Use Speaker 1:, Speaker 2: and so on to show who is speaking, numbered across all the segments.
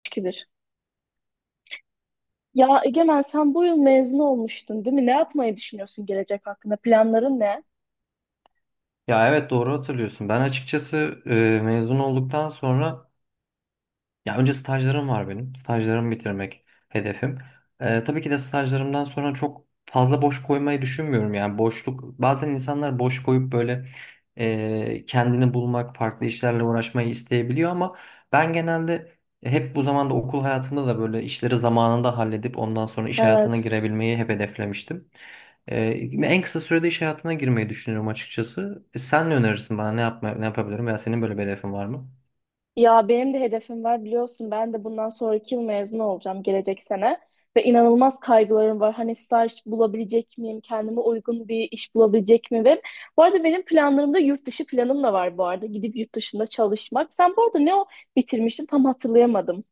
Speaker 1: 3-2-1. Ya Egemen, sen bu yıl mezun olmuştun değil mi? Ne yapmayı düşünüyorsun gelecek hakkında? Planların ne?
Speaker 2: Ya evet doğru hatırlıyorsun. Ben açıkçası e, mezun olduktan sonra ya önce stajlarım var benim. Stajlarımı bitirmek hedefim. Tabii ki de stajlarımdan sonra çok fazla boş koymayı düşünmüyorum. Yani boşluk bazen insanlar boş koyup böyle kendini bulmak, farklı işlerle uğraşmayı isteyebiliyor ama ben genelde hep bu zamanda okul hayatımda da böyle işleri zamanında halledip ondan sonra iş hayatına
Speaker 1: Evet.
Speaker 2: girebilmeyi hep hedeflemiştim. Ee, en kısa sürede iş hayatına girmeyi düşünüyorum açıkçası. Sen ne önerirsin bana, ne yapabilirim veya senin böyle bir hedefin var mı?
Speaker 1: Ya benim de hedefim var biliyorsun. Ben de bundan sonraki yıl mezun olacağım, gelecek sene. Ve inanılmaz kaygılarım var. Hani staj bulabilecek miyim? Kendime uygun bir iş bulabilecek miyim? Ve bu arada benim planlarımda yurt dışı planım da var bu arada. Gidip yurt dışında çalışmak. Sen bu arada ne o bitirmiştin tam hatırlayamadım.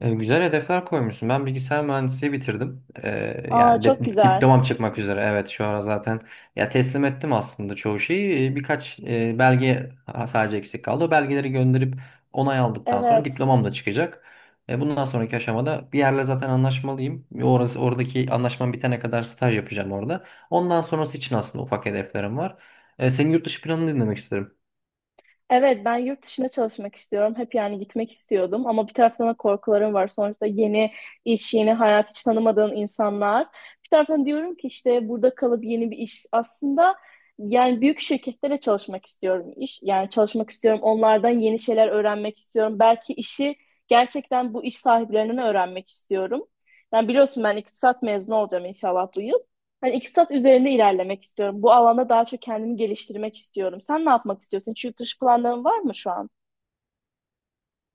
Speaker 2: Güzel hedefler koymuşsun. Ben bilgisayar mühendisliği bitirdim.
Speaker 1: Aa,
Speaker 2: Yani
Speaker 1: çok güzel.
Speaker 2: diplomam çıkmak üzere. Evet şu ara zaten ya teslim ettim aslında çoğu şeyi. Birkaç belge sadece eksik kaldı. O belgeleri gönderip onay aldıktan sonra
Speaker 1: Evet.
Speaker 2: diplomam da çıkacak. Bundan sonraki aşamada bir yerle zaten anlaşmalıyım. Oradaki anlaşmam bitene kadar staj yapacağım orada. Ondan sonrası için aslında ufak hedeflerim var. Senin yurt dışı planını dinlemek isterim.
Speaker 1: Evet, ben yurt dışına çalışmak istiyorum. Hep yani gitmek istiyordum ama bir taraftan da korkularım var. Sonuçta yeni iş, yeni hayat, hiç tanımadığın insanlar. Bir taraftan diyorum ki işte burada kalıp yeni bir iş. Aslında yani büyük şirketlere çalışmak istiyorum iş. Yani çalışmak istiyorum, onlardan yeni şeyler öğrenmek istiyorum. Belki işi gerçekten bu iş sahiplerinden öğrenmek istiyorum. Yani biliyorsun ben iktisat mezunu olacağım inşallah bu yıl. Hani iktisat üzerinde ilerlemek istiyorum. Bu alanda daha çok kendimi geliştirmek istiyorum. Sen ne yapmak istiyorsun? Hiç yurt dışı planların var mı şu an?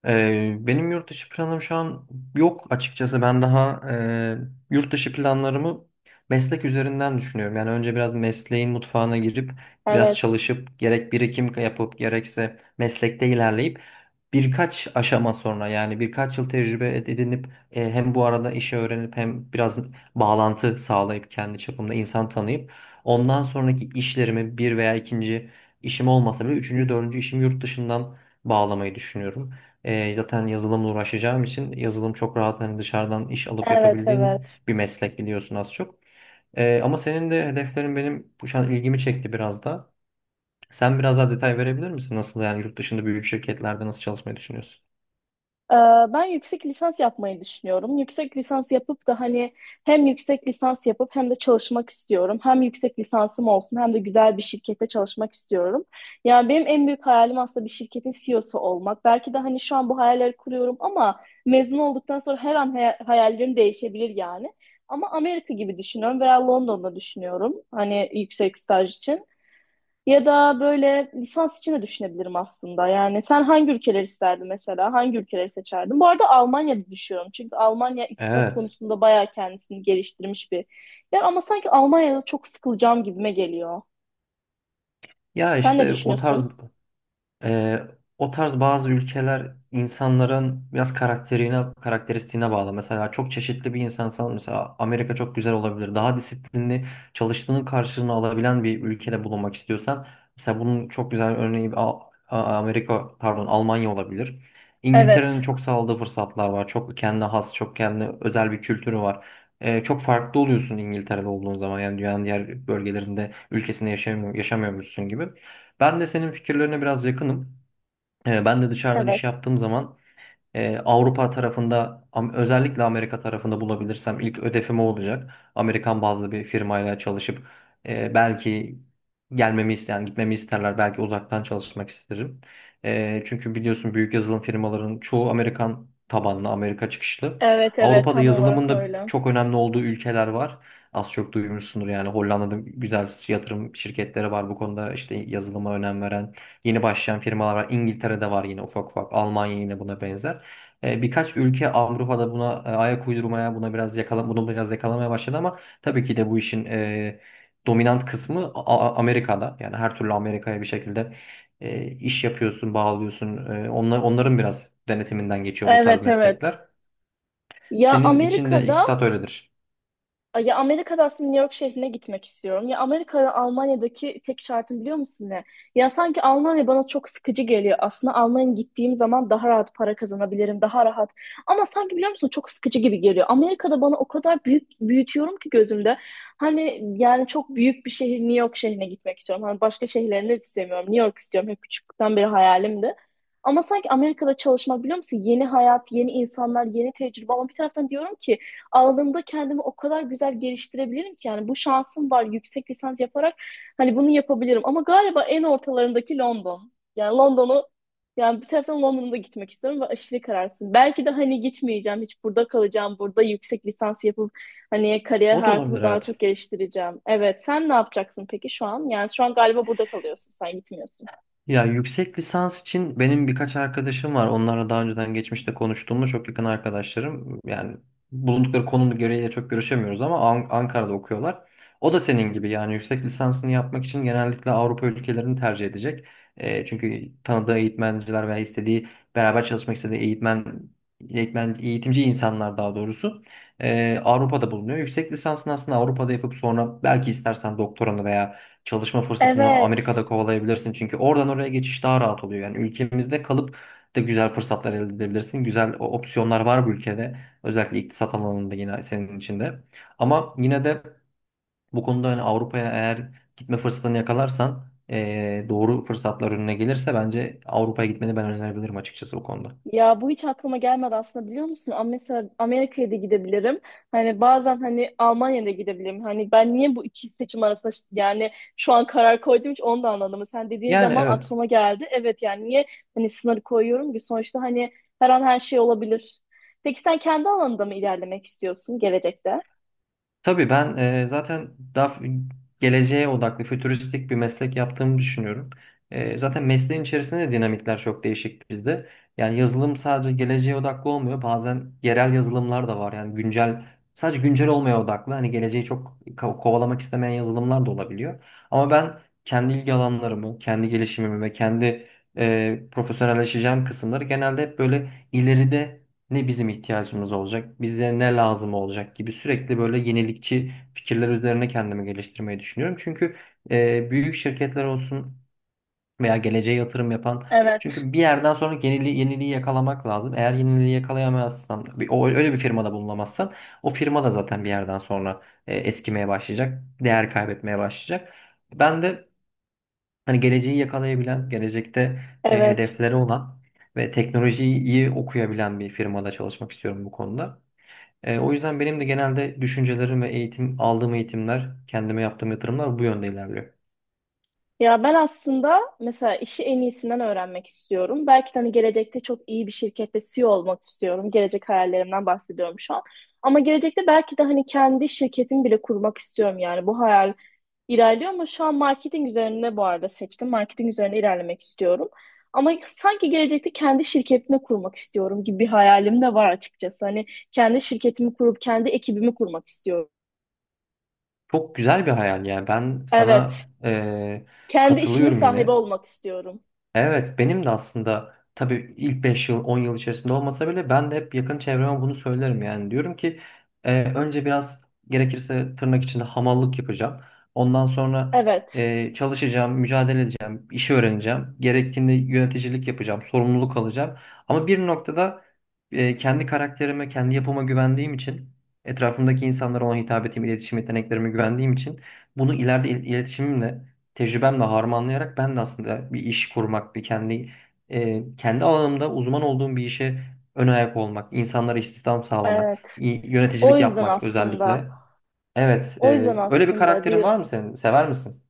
Speaker 2: Benim yurt dışı planım şu an yok açıkçası. Ben daha yurt dışı planlarımı meslek üzerinden düşünüyorum. Yani önce biraz mesleğin mutfağına girip biraz
Speaker 1: Evet.
Speaker 2: çalışıp gerek birikim yapıp gerekse meslekte ilerleyip birkaç aşama sonra yani birkaç yıl tecrübe edinip, hem bu arada işi öğrenip hem biraz bağlantı sağlayıp kendi çapımda insan tanıyıp ondan sonraki işlerimi bir veya ikinci işim olmasa bile üçüncü dördüncü işim yurt dışından bağlamayı düşünüyorum. Zaten yazılımla uğraşacağım için yazılım çok rahat, hani dışarıdan iş alıp
Speaker 1: Evet,
Speaker 2: yapabildiğin
Speaker 1: evet.
Speaker 2: bir meslek, biliyorsun az çok. Ama senin de hedeflerin benim bu şu an ilgimi çekti biraz da. Sen biraz daha detay verebilir misin? Nasıl yani yurt dışında büyük şirketlerde nasıl çalışmayı düşünüyorsun?
Speaker 1: Ee, Ben yüksek lisans yapmayı düşünüyorum. Yüksek lisans yapıp da hani hem yüksek lisans yapıp hem de çalışmak istiyorum. Hem yüksek lisansım olsun hem de güzel bir şirkette çalışmak istiyorum. Yani benim en büyük hayalim aslında bir şirketin CEO'su olmak. Belki de hani şu an bu hayalleri kuruyorum ama mezun olduktan sonra her an hayallerim değişebilir yani. Ama Amerika gibi düşünüyorum veya London'da düşünüyorum hani yüksek staj için. Ya da böyle lisans için de düşünebilirim aslında. Yani sen hangi ülkeleri isterdin mesela? Hangi ülkeleri seçerdin? Bu arada Almanya'da düşüyorum. Çünkü Almanya iktisat
Speaker 2: Evet.
Speaker 1: konusunda bayağı kendisini geliştirmiş bir yer. Ama sanki Almanya'da çok sıkılacağım gibime geliyor.
Speaker 2: Ya
Speaker 1: Sen ne
Speaker 2: işte o tarz
Speaker 1: düşünüyorsun?
Speaker 2: Ee, o tarz bazı ülkeler insanların biraz karakterine, karakteristiğine bağlı. Mesela çok çeşitli bir insansan mesela Amerika çok güzel olabilir. Daha disiplinli çalıştığının karşılığını alabilen bir ülkede bulunmak istiyorsan mesela bunun çok güzel örneği Amerika, pardon, Almanya olabilir. İngiltere'nin
Speaker 1: Evet.
Speaker 2: çok sağladığı fırsatlar var. Çok kendine has, çok kendine özel bir kültürü var. Çok farklı oluyorsun İngiltere'de olduğun zaman, yani dünyanın diğer bölgelerinde, ülkesinde yaşamıyor, yaşamıyormuşsun gibi. Ben de senin fikirlerine biraz yakınım. Ben de dışarıdan iş
Speaker 1: Evet.
Speaker 2: yaptığım zaman Avrupa tarafında, özellikle Amerika tarafında bulabilirsem ilk ödefim o olacak. Amerikan bazlı bir firmayla çalışıp, belki gelmemi isteyen, yani gitmemi isterler. Belki uzaktan çalışmak isterim. Çünkü biliyorsun büyük yazılım firmaların çoğu Amerikan tabanlı, Amerika çıkışlı.
Speaker 1: Evet, evet,
Speaker 2: Avrupa'da
Speaker 1: tam olarak
Speaker 2: yazılımın da
Speaker 1: öyle.
Speaker 2: çok önemli olduğu ülkeler var. Az çok duymuşsundur, yani Hollanda'da güzel yatırım şirketleri var bu konuda, işte yazılıma önem veren yeni başlayan firmalar var. İngiltere'de var yine ufak ufak. Almanya yine buna benzer. Birkaç ülke Avrupa'da buna ayak uydurmaya, bunu biraz yakalamaya başladı ama tabii ki de bu işin dominant kısmı Amerika'da. Yani her türlü Amerika'ya bir şekilde iş yapıyorsun, bağlıyorsun. Onların biraz denetiminden geçiyor bu tarz
Speaker 1: Evet, evet.
Speaker 2: meslekler.
Speaker 1: Ya
Speaker 2: Senin için de
Speaker 1: Amerika'da
Speaker 2: iktisat öyledir.
Speaker 1: Ya Amerika'da aslında New York şehrine gitmek istiyorum. Ya Amerika'da Almanya'daki tek şartım biliyor musun ne? Ya sanki Almanya bana çok sıkıcı geliyor. Aslında Almanya'ya gittiğim zaman daha rahat para kazanabilirim, daha rahat. Ama sanki biliyor musun çok sıkıcı gibi geliyor. Amerika'da bana o kadar büyük büyütüyorum ki gözümde. Hani yani çok büyük bir şehir, New York şehrine gitmek istiyorum. Hani başka şehirlerini de istemiyorum. New York istiyorum. Hep küçüklükten beri hayalimdi. Ama sanki Amerika'da çalışmak biliyor musun? Yeni hayat, yeni insanlar, yeni tecrübe. Ama bir taraftan diyorum ki alanında kendimi o kadar güzel geliştirebilirim ki, yani bu şansım var yüksek lisans yaparak hani bunu yapabilirim ama galiba en ortalarındaki London. Yani London'u, yani bir taraftan London'a da gitmek istiyorum ve aşırı kararsın. Belki de hani gitmeyeceğim, hiç burada kalacağım, burada yüksek lisans yapıp hani kariyer
Speaker 2: O da
Speaker 1: hayatımı
Speaker 2: olabilir,
Speaker 1: daha
Speaker 2: evet.
Speaker 1: çok geliştireceğim. Evet, sen ne yapacaksın peki şu an? Yani şu an galiba burada kalıyorsun, sen gitmiyorsun.
Speaker 2: Ya yüksek lisans için benim birkaç arkadaşım var. Onlarla daha önceden geçmişte konuştuğumda, çok yakın arkadaşlarım. Yani bulundukları konum gereğiyle çok görüşemiyoruz ama Ankara'da okuyorlar. O da senin gibi yani yüksek lisansını yapmak için genellikle Avrupa ülkelerini tercih edecek. Çünkü tanıdığı eğitmenciler veya istediği, beraber çalışmak istediği eğitmen, eğitmen eğitimci insanlar daha doğrusu Avrupa'da bulunuyor. Yüksek lisansını aslında Avrupa'da yapıp sonra belki istersen doktoranı veya çalışma fırsatını
Speaker 1: Evet.
Speaker 2: Amerika'da kovalayabilirsin. Çünkü oradan oraya geçiş daha rahat oluyor. Yani ülkemizde kalıp da güzel fırsatlar elde edebilirsin. Güzel opsiyonlar var bu ülkede. Özellikle iktisat alanında yine senin içinde. Ama yine de bu konuda, hani Avrupa'ya eğer gitme fırsatını yakalarsan, doğru fırsatlar önüne gelirse bence Avrupa'ya gitmeni ben önerebilirim açıkçası bu konuda.
Speaker 1: Ya bu hiç aklıma gelmedi aslında biliyor musun? Ama mesela Amerika'ya da gidebilirim. Hani bazen hani Almanya'da gidebilirim. Hani ben niye bu iki seçim arasında yani şu an karar koydum, hiç onu da anlamadım. Sen dediğin
Speaker 2: Yani
Speaker 1: zaman
Speaker 2: evet.
Speaker 1: aklıma geldi. Evet, yani niye hani sınır koyuyorum ki, sonuçta hani her an her şey olabilir. Peki sen kendi alanında mı ilerlemek istiyorsun gelecekte?
Speaker 2: Tabii ben zaten daha geleceğe odaklı, fütüristik bir meslek yaptığımı düşünüyorum. Zaten mesleğin içerisinde de dinamikler çok değişik bizde. Yani yazılım sadece geleceğe odaklı olmuyor. Bazen yerel yazılımlar da var. Yani güncel, sadece güncel olmaya odaklı. Hani geleceği çok kovalamak istemeyen yazılımlar da olabiliyor. Ama ben kendi ilgi alanlarımı, kendi gelişimimi ve kendi profesyonelleşeceğim kısımları genelde hep böyle ileride ne bizim ihtiyacımız olacak, bize ne lazım olacak gibi sürekli böyle yenilikçi fikirler üzerine kendimi geliştirmeyi düşünüyorum. Çünkü büyük şirketler olsun veya geleceğe yatırım yapan,
Speaker 1: Evet.
Speaker 2: çünkü bir yerden sonra yeniliği yakalamak lazım. Eğer yeniliği yakalayamazsan, o öyle bir firmada bulunamazsan, o firma da zaten bir yerden sonra eskimeye başlayacak, değer kaybetmeye başlayacak. Ben de hani geleceği yakalayabilen, gelecekte
Speaker 1: Evet.
Speaker 2: hedefleri olan ve teknolojiyi iyi okuyabilen bir firmada çalışmak istiyorum bu konuda. O yüzden benim de genelde düşüncelerim ve eğitim aldığım eğitimler, kendime yaptığım yatırımlar bu yönde ilerliyor.
Speaker 1: Ya ben aslında mesela işi en iyisinden öğrenmek istiyorum. Belki de hani gelecekte çok iyi bir şirkette CEO olmak istiyorum. Gelecek hayallerimden bahsediyorum şu an. Ama gelecekte belki de hani kendi şirketimi bile kurmak istiyorum yani. Bu hayal ilerliyor ama şu an marketing üzerine bu arada seçtim. Marketing üzerine ilerlemek istiyorum. Ama sanki gelecekte kendi şirketimi kurmak istiyorum gibi bir hayalim de var açıkçası. Hani kendi şirketimi kurup kendi ekibimi kurmak istiyorum.
Speaker 2: Çok güzel bir hayal yani. Ben sana
Speaker 1: Evet. Kendi işimin
Speaker 2: katılıyorum
Speaker 1: sahibi
Speaker 2: yine.
Speaker 1: olmak istiyorum.
Speaker 2: Evet, benim de aslında tabii ilk 5 yıl 10 yıl içerisinde olmasa bile ben de hep yakın çevreme bunu söylerim yani. Diyorum ki önce biraz gerekirse tırnak içinde hamallık yapacağım. Ondan sonra
Speaker 1: Evet.
Speaker 2: çalışacağım, mücadele edeceğim, işi öğreneceğim. Gerektiğinde yöneticilik yapacağım, sorumluluk alacağım. Ama bir noktada kendi karakterime, kendi yapıma güvendiğim için, etrafımdaki insanlara olan hitabetimi, iletişim yeteneklerime güvendiğim için bunu ileride iletişimimle, tecrübemle harmanlayarak ben de aslında bir iş kurmak, kendi alanımda uzman olduğum bir işe ön ayak olmak, insanlara istihdam sağlamak,
Speaker 1: Evet. O
Speaker 2: yöneticilik
Speaker 1: yüzden
Speaker 2: yapmak
Speaker 1: aslında.
Speaker 2: özellikle. Evet,
Speaker 1: O yüzden
Speaker 2: öyle bir
Speaker 1: aslında
Speaker 2: karakterin
Speaker 1: diyor.
Speaker 2: var mı senin? Sever misin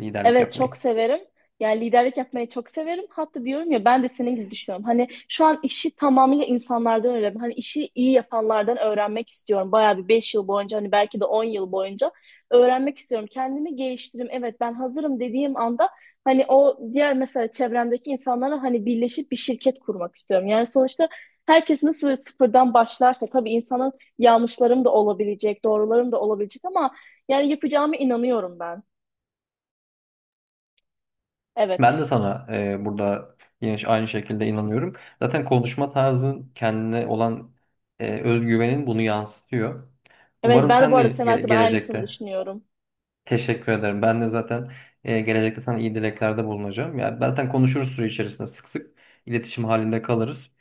Speaker 2: liderlik
Speaker 1: Evet, çok
Speaker 2: yapmayı?
Speaker 1: severim. Yani liderlik yapmayı çok severim. Hatta diyorum ya ben de senin gibi düşünüyorum. Hani şu an işi tamamıyla insanlardan öğrendim. Hani işi iyi yapanlardan öğrenmek istiyorum. Bayağı bir 5 yıl boyunca hani belki de 10 yıl boyunca öğrenmek istiyorum. Kendimi geliştireyim. Evet, ben hazırım dediğim anda hani o diğer mesela çevremdeki insanlara hani birleşip bir şirket kurmak istiyorum. Yani sonuçta herkes nasıl sıfırdan başlarsa tabii insanın yanlışlarım da olabilecek, doğrularım da olabilecek ama yani yapacağımı inanıyorum ben.
Speaker 2: Ben
Speaker 1: Evet.
Speaker 2: de sana burada yine aynı şekilde inanıyorum. Zaten konuşma tarzın, kendine olan özgüvenin bunu yansıtıyor.
Speaker 1: Evet,
Speaker 2: Umarım
Speaker 1: ben de
Speaker 2: sen
Speaker 1: bu
Speaker 2: de
Speaker 1: arada senin hakkında aynısını
Speaker 2: gelecekte.
Speaker 1: düşünüyorum.
Speaker 2: Teşekkür ederim. Ben de zaten gelecekte sana iyi dileklerde bulunacağım. Ya zaten konuşuruz süre içerisinde, sık sık iletişim halinde kalırız.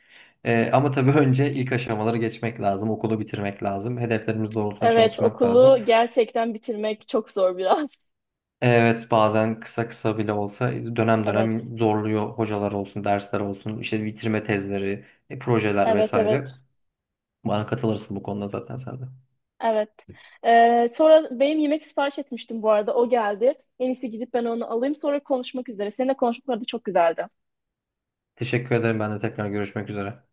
Speaker 2: Ama tabii önce ilk aşamaları geçmek lazım, okulu bitirmek lazım, hedeflerimiz doğrultusunda
Speaker 1: Evet,
Speaker 2: çalışmak lazım.
Speaker 1: okulu gerçekten bitirmek çok zor biraz.
Speaker 2: Evet, bazen kısa kısa bile olsa dönem
Speaker 1: Evet.
Speaker 2: dönem zorluyor, hocalar olsun, dersler olsun, işte bitirme tezleri, projeler
Speaker 1: Evet,
Speaker 2: vesaire.
Speaker 1: evet.
Speaker 2: Bana katılırsın bu konuda zaten sen de.
Speaker 1: Evet. Sonra benim yemek sipariş etmiştim bu arada. O geldi. En iyisi gidip ben onu alayım. Sonra konuşmak üzere. Seninle konuşmak bu arada çok güzeldi.
Speaker 2: Teşekkür ederim. Ben de tekrar görüşmek üzere.